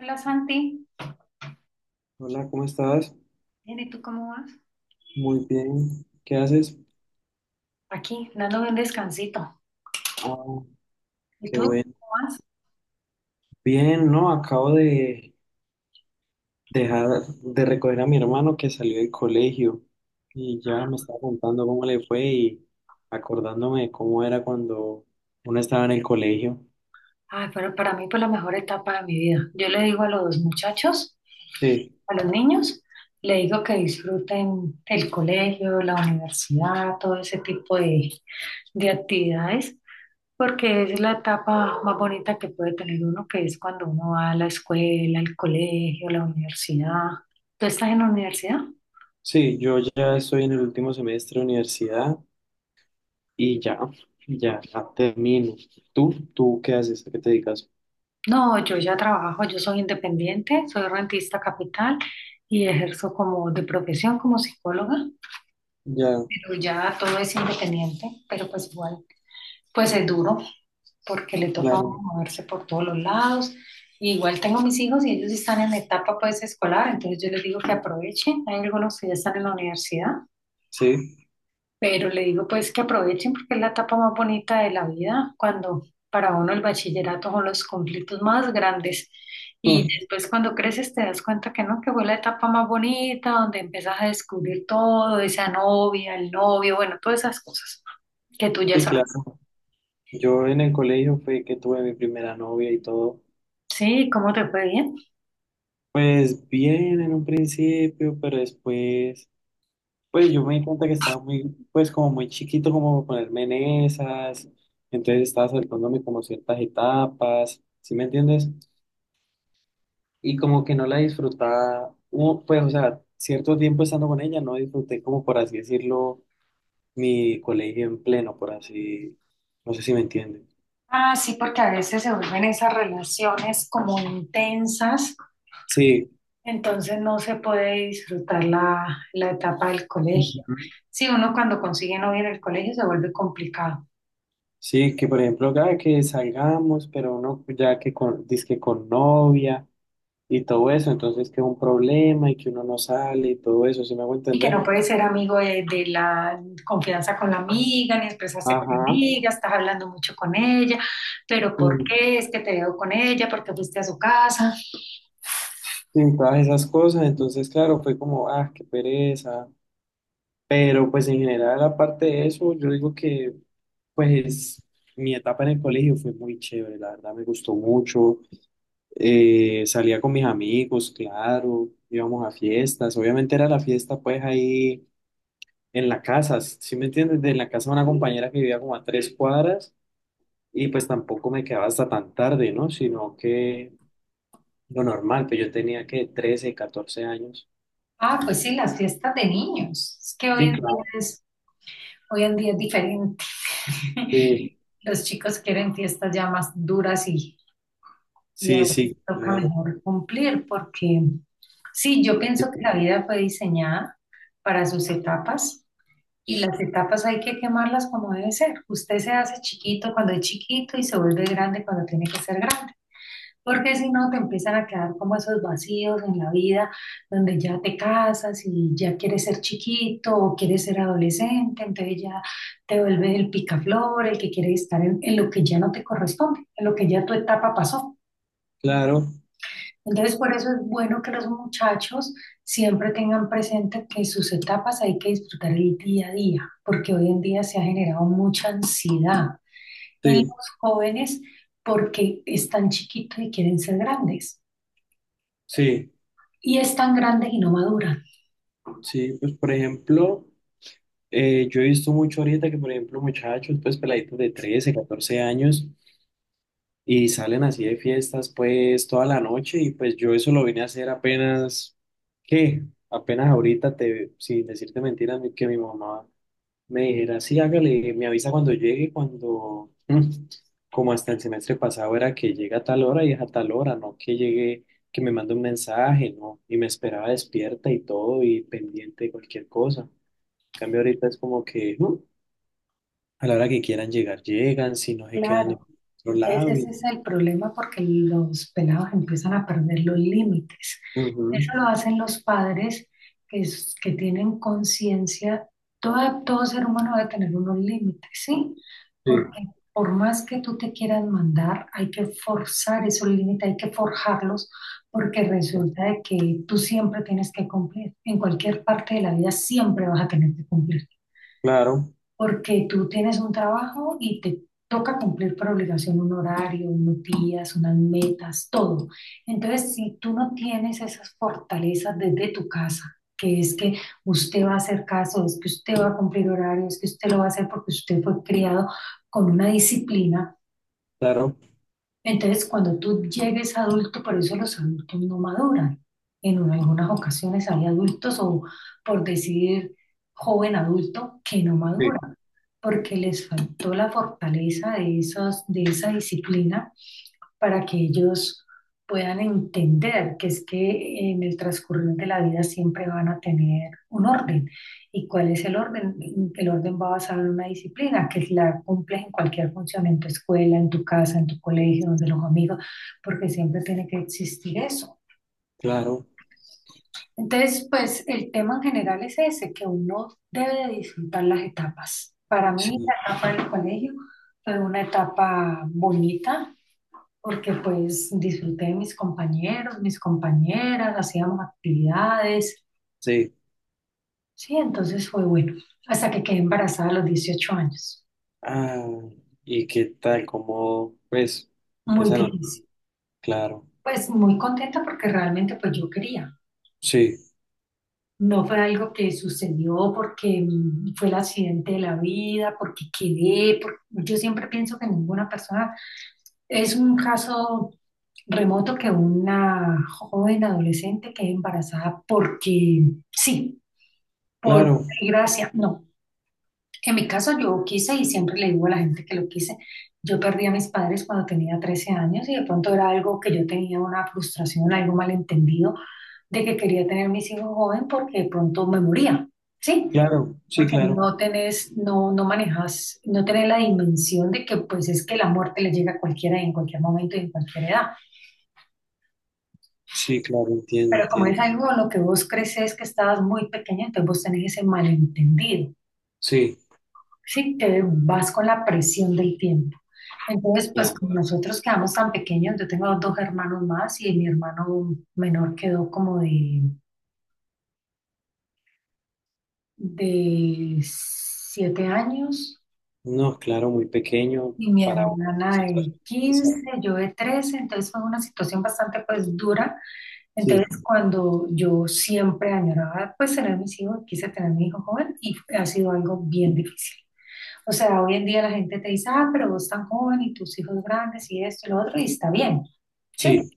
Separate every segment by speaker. Speaker 1: Hola Santi,
Speaker 2: Hola, ¿cómo estás?
Speaker 1: bien, ¿y tú cómo vas?
Speaker 2: Muy bien. ¿Qué haces?
Speaker 1: Aquí, dándome un descansito.
Speaker 2: Ah,
Speaker 1: ¿Y
Speaker 2: qué
Speaker 1: tú
Speaker 2: bueno.
Speaker 1: cómo vas?
Speaker 2: Bien, no, acabo de dejar de recoger a mi hermano que salió del colegio y ya me estaba contando cómo le fue y acordándome de cómo era cuando uno estaba en el colegio.
Speaker 1: Ay, pero para mí fue la mejor etapa de mi vida. Yo le digo a los muchachos,
Speaker 2: Sí,
Speaker 1: a los niños, le digo que disfruten el colegio, la universidad, todo ese tipo de actividades, porque es la etapa más bonita que puede tener uno, que es cuando uno va a la escuela, al colegio, a la universidad. ¿Tú estás en la universidad?
Speaker 2: sí, yo ya estoy en el último semestre de universidad y ya, ya, ya termino. ¿Tú? ¿Tú qué haces? ¿A qué te dedicas?
Speaker 1: No, yo ya trabajo, yo soy independiente, soy rentista capital y ejerzo como de profesión como psicóloga,
Speaker 2: Ya,
Speaker 1: pero ya todo es independiente, pero pues igual, pues es duro porque le toca a uno
Speaker 2: claro.
Speaker 1: moverse por todos los lados. Y igual tengo mis hijos y ellos están en etapa pues escolar, entonces yo les digo que aprovechen, hay algunos que ya están en la universidad.
Speaker 2: Sí,
Speaker 1: Pero le digo pues que aprovechen porque es la etapa más bonita de la vida, cuando para uno el bachillerato son los conflictos más grandes. Y después cuando creces te das cuenta que no, que fue la etapa más bonita, donde empiezas a descubrir todo, esa novia, el novio, bueno, todas esas cosas que tú ya
Speaker 2: sí,
Speaker 1: sabes.
Speaker 2: claro. Yo en el colegio fue que tuve mi primera novia y todo.
Speaker 1: Sí, ¿cómo te fue bien?
Speaker 2: Pues bien en un principio, pero después, pues yo me di cuenta que estaba muy, pues como muy chiquito como para ponerme en esas. Entonces estaba saltándome como ciertas etapas, ¿sí me entiendes? Y como que no la disfrutaba, hubo, pues o sea, cierto tiempo estando con ella, no disfruté como por así decirlo, mi colegio en pleno, por así, no sé si me entiendes.
Speaker 1: Ah, sí, porque a veces se vuelven esas relaciones como intensas.
Speaker 2: Sí.
Speaker 1: Entonces no se puede disfrutar la etapa del colegio.
Speaker 2: Ujú.
Speaker 1: Sí, uno cuando consigue novia en el colegio se vuelve complicado
Speaker 2: Sí, que por ejemplo, cada que salgamos, pero uno ya que con, dizque con novia y todo eso, entonces que es un problema y que uno no sale y todo eso, ¿sí me hago
Speaker 1: y que
Speaker 2: entender?
Speaker 1: no puede ser amigo de la confianza con la amiga, ni expresarse con la
Speaker 2: Ajá,
Speaker 1: amiga, estás hablando mucho con ella, pero ¿por
Speaker 2: y,
Speaker 1: qué es que te veo con ella? ¿Por qué fuiste a su casa?
Speaker 2: y todas esas cosas, entonces claro, fue como, ah, qué pereza, pero pues en general, aparte de eso, yo digo que pues mi etapa en el colegio fue muy chévere, la verdad me gustó mucho, salía con mis amigos, claro, íbamos a fiestas, obviamente era la fiesta pues ahí en la casa, ¿sí me entiendes? De la casa de una compañera que vivía como a tres cuadras y pues tampoco me quedaba hasta tan tarde, ¿no? Sino que lo normal, pues yo tenía que 13, 14 años.
Speaker 1: Ah, pues sí, las fiestas de niños. Es que hoy
Speaker 2: Sí,
Speaker 1: en día
Speaker 2: claro.
Speaker 1: es, Hoy en día es diferente.
Speaker 2: Sí,
Speaker 1: Los chicos quieren fiestas ya más duras y a
Speaker 2: sí,
Speaker 1: veces
Speaker 2: sí,
Speaker 1: toca
Speaker 2: claro.
Speaker 1: mejor cumplir, porque sí, yo pienso que la vida fue diseñada para sus etapas y las etapas hay que quemarlas como debe ser. Usted se hace chiquito cuando es chiquito y se vuelve grande cuando tiene que ser grande, porque si no te empiezan a quedar como esos vacíos en la vida donde ya te casas y ya quieres ser chiquito o quieres ser adolescente, entonces ya te vuelves el picaflor, el que quiere estar en lo que ya no te corresponde, en lo que ya tu etapa pasó.
Speaker 2: Claro,
Speaker 1: Entonces, por eso es bueno que los muchachos siempre tengan presente que sus etapas hay que disfrutar el día a día, porque hoy en día se ha generado mucha ansiedad en
Speaker 2: sí,
Speaker 1: los jóvenes porque están chiquitos y quieren ser grandes,
Speaker 2: sí,
Speaker 1: y están grandes y no maduran.
Speaker 2: sí, pues por ejemplo, yo he visto mucho ahorita que por ejemplo muchachos, pues peladitos de 13, 14 años, y salen así de fiestas pues toda la noche y pues yo eso lo vine a hacer apenas, ¿qué? Apenas ahorita, te, sin decirte mentiras, que mi mamá me dijera, sí, hágale, me avisa cuando llegue, cuando, como hasta el semestre pasado era que llega a tal hora y es a tal hora, no que llegue, que me mande un mensaje, ¿no? Y me esperaba despierta y todo y pendiente de cualquier cosa. En cambio ahorita es como que a la hora que quieran llegar, llegan, si no se quedan en
Speaker 1: Claro,
Speaker 2: otro
Speaker 1: entonces
Speaker 2: lado
Speaker 1: ese
Speaker 2: y...
Speaker 1: es el problema porque los pelados empiezan a perder los límites. Eso
Speaker 2: Ujú,
Speaker 1: lo hacen los padres que tienen conciencia. Todo, todo ser humano debe tener unos límites, ¿sí?
Speaker 2: sí.
Speaker 1: Porque por más que tú te quieras mandar, hay que forzar esos límites, hay que forjarlos, porque resulta de que tú siempre tienes que cumplir. En cualquier parte de la vida siempre vas a tener que cumplir
Speaker 2: Claro,
Speaker 1: porque tú tienes un trabajo y te toca cumplir por obligación un horario, unos días, unas metas, todo. Entonces, si tú no tienes esas fortalezas desde tu casa, que es que usted va a hacer caso, es que usted va a cumplir horarios, es que usted lo va a hacer porque usted fue criado con una disciplina,
Speaker 2: claro,
Speaker 1: entonces, cuando tú llegues adulto, por eso los adultos no maduran. Algunas ocasiones hay adultos, o por decir joven adulto, que no
Speaker 2: sí,
Speaker 1: maduran, porque les faltó la fortaleza de esa disciplina para que ellos puedan entender que es que en el transcurrir de la vida siempre van a tener un orden. ¿Y cuál es el orden? El orden va basado en una disciplina que la cumples en cualquier función, en tu escuela, en tu casa, en tu colegio, donde los amigos, porque siempre tiene que existir eso.
Speaker 2: claro,
Speaker 1: Entonces, pues el tema en general es ese, que uno debe de disfrutar las etapas. Para mí,
Speaker 2: sí,
Speaker 1: la etapa del colegio fue una etapa bonita, porque pues disfruté de mis compañeros, mis compañeras, hacíamos actividades,
Speaker 2: sí.
Speaker 1: sí, entonces fue bueno, hasta que quedé embarazada a los 18 años,
Speaker 2: Ah, ¿y qué tal? ¿Cómo, pues,
Speaker 1: muy
Speaker 2: esa no?
Speaker 1: difícil,
Speaker 2: Claro,
Speaker 1: pues muy contenta porque realmente pues yo quería,
Speaker 2: sí,
Speaker 1: no fue algo que sucedió porque fue el accidente de la vida, porque yo siempre pienso que ninguna persona es un caso remoto que una joven adolescente quede embarazada porque sí. Por
Speaker 2: claro,
Speaker 1: gracia, no. En mi caso yo quise y siempre le digo a la gente que lo quise, yo perdí a mis padres cuando tenía 13 años y de pronto era algo que yo tenía una frustración, algo malentendido de que quería tener mis hijos joven porque de pronto me moría, ¿sí?
Speaker 2: claro, sí,
Speaker 1: Porque
Speaker 2: claro,
Speaker 1: no tenés, no, no manejas, no tenés la dimensión de que pues es que la muerte le llega a cualquiera y en cualquier momento y en cualquier edad.
Speaker 2: sí, claro, entiendo,
Speaker 1: Pero como es
Speaker 2: entiendo.
Speaker 1: algo en lo que vos creces que estabas muy pequeña, entonces vos tenés ese malentendido.
Speaker 2: Sí,
Speaker 1: Sí, que vas con la presión del tiempo. Entonces, pues
Speaker 2: ya.
Speaker 1: como nosotros quedamos tan pequeños, yo tengo dos hermanos más y mi hermano menor quedó como de 7 años
Speaker 2: No, claro, muy pequeño
Speaker 1: y mi
Speaker 2: para una
Speaker 1: hermana de
Speaker 2: situación pesada.
Speaker 1: 15, yo de 13, entonces fue una situación bastante pues dura.
Speaker 2: Sí,
Speaker 1: Entonces cuando yo siempre añoraba pues tener mis hijos, quise tener mi hijo joven y ha sido algo bien difícil. O sea, hoy en día la gente te dice, ah, pero vos tan joven y tus hijos grandes y esto y lo otro, y está bien, ¿sí?
Speaker 2: sí,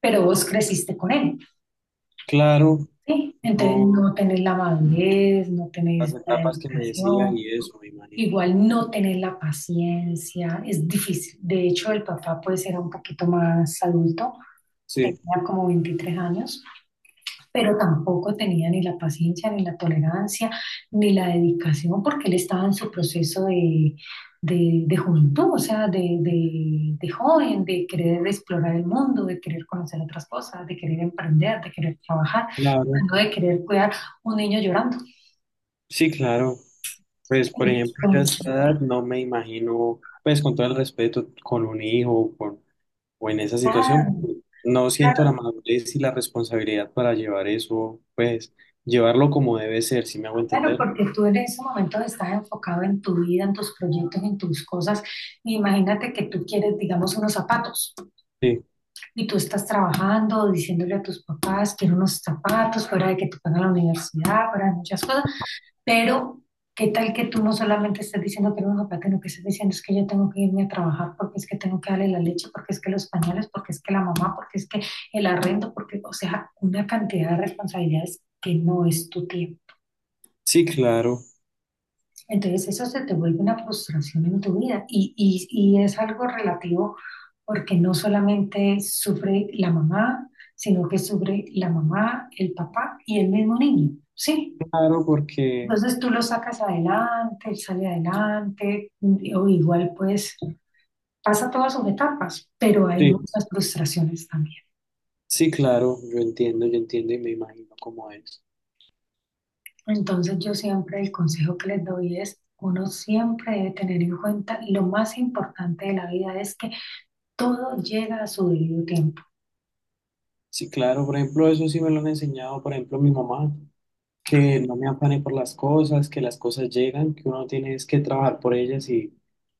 Speaker 1: Pero vos creciste con él,
Speaker 2: claro,
Speaker 1: ¿sí? Entonces no
Speaker 2: no,
Speaker 1: tenés la madurez, no
Speaker 2: las
Speaker 1: tenés la
Speaker 2: etapas que me decías
Speaker 1: dedicación,
Speaker 2: y eso, me imagino.
Speaker 1: igual no tenés la paciencia, es difícil. De hecho, el papá puede ser un poquito más adulto, tenía
Speaker 2: Sí,
Speaker 1: como 23 años, pero tampoco tenía ni la paciencia, ni la tolerancia, ni la dedicación, porque él estaba en su proceso de, de juventud, o sea, de, de joven, de querer explorar el mundo, de querer conocer otras cosas, de querer emprender, de querer trabajar,
Speaker 2: claro.
Speaker 1: no de querer cuidar un niño llorando.
Speaker 2: Sí, claro. Pues, por ejemplo, yo a esta
Speaker 1: Entonces,
Speaker 2: edad no me imagino, pues, con todo el respeto, con un hijo o, con, o en esa situación,
Speaker 1: claro,
Speaker 2: no siento la
Speaker 1: claro,
Speaker 2: madurez y la responsabilidad para llevar eso, pues, llevarlo como debe ser, si me hago
Speaker 1: claro,
Speaker 2: entender.
Speaker 1: porque tú en ese momento estás enfocado en tu vida, en tus proyectos, en tus cosas. Imagínate que tú quieres, digamos, unos zapatos.
Speaker 2: Sí,
Speaker 1: Y tú estás trabajando, diciéndole a tus papás, quiero unos zapatos, fuera de que te pagan la universidad, fuera de muchas cosas, pero ¿qué tal que tú no solamente estás diciendo que unos zapatos, sino que estás diciendo es que yo tengo que irme a trabajar porque es que tengo que darle la leche, porque es que los pañales, porque es que la mamá, porque es que el arrendo, porque, o sea, una cantidad de responsabilidades que no es tu tiempo.
Speaker 2: sí, claro,
Speaker 1: Entonces eso se te vuelve una frustración en tu vida y es algo relativo porque no solamente sufre la mamá, sino que sufre la mamá, el papá y el mismo niño, ¿sí?
Speaker 2: claro, porque,
Speaker 1: Entonces tú lo sacas adelante, él sale adelante, o igual pues pasa todas sus etapas, pero hay
Speaker 2: sí,
Speaker 1: muchas frustraciones también.
Speaker 2: sí, claro, yo entiendo y me imagino cómo es.
Speaker 1: Entonces yo siempre el consejo que les doy es, uno siempre debe tener en cuenta lo más importante de la vida es que todo llega a su debido tiempo.
Speaker 2: Sí, claro, por ejemplo, eso sí me lo han enseñado, por ejemplo, mi mamá. Que no me afane por las cosas, que las cosas llegan, que uno tiene es que trabajar por ellas y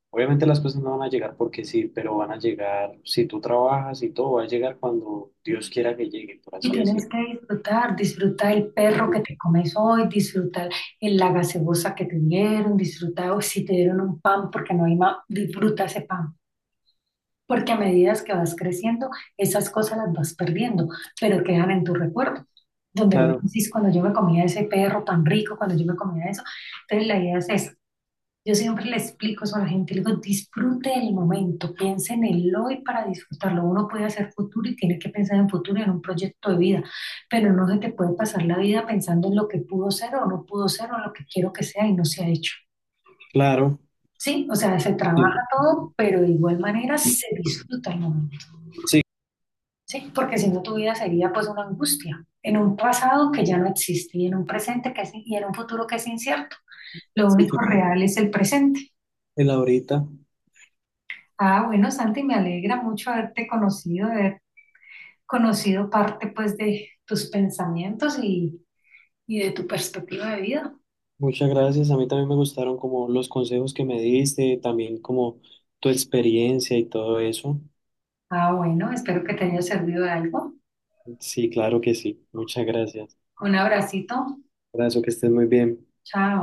Speaker 2: obviamente las cosas no van a llegar porque sí, pero van a llegar si tú trabajas y todo va a llegar cuando Dios quiera que llegue, por
Speaker 1: Y
Speaker 2: así
Speaker 1: tienes
Speaker 2: decirlo.
Speaker 1: que disfrutar, disfrutar el perro que te comes hoy, disfrutar el, la gaseosa que te dieron, disfrutar si te dieron un pan porque no hay más, disfruta ese pan. Porque a medida que vas creciendo, esas cosas las vas perdiendo, pero quedan en tu recuerdo. Donde vos
Speaker 2: Claro,
Speaker 1: decís, cuando yo me comía ese perro tan rico, cuando yo me comía eso. Entonces la idea es esa. Yo siempre le explico eso a la gente, le digo, disfrute el momento, piense en el hoy para disfrutarlo. Uno puede hacer futuro y tiene que pensar en futuro, y en un proyecto de vida, pero no se te puede pasar la vida pensando en lo que pudo ser o no pudo ser o lo que quiero que sea y no se ha hecho.
Speaker 2: claro.
Speaker 1: Sí, o sea, se
Speaker 2: Sí,
Speaker 1: trabaja todo, pero de igual manera se disfruta el momento,
Speaker 2: sí,
Speaker 1: ¿sí? Porque si no tu vida sería pues una angustia en un pasado que ya no existe y en un presente que es, y en un futuro que es incierto. Lo
Speaker 2: sí,
Speaker 1: único
Speaker 2: claro.
Speaker 1: real es el presente.
Speaker 2: El ahorita.
Speaker 1: Ah, bueno, Santi, me alegra mucho haberte conocido, haber conocido parte pues de tus pensamientos y de tu perspectiva de vida.
Speaker 2: Muchas gracias. A mí también me gustaron como los consejos que me diste, también como tu experiencia y todo eso.
Speaker 1: Ah, bueno, espero que te haya servido de algo.
Speaker 2: Sí, claro que sí. Muchas gracias.
Speaker 1: Un abracito.
Speaker 2: Gracias, que estés muy bien.
Speaker 1: Chao.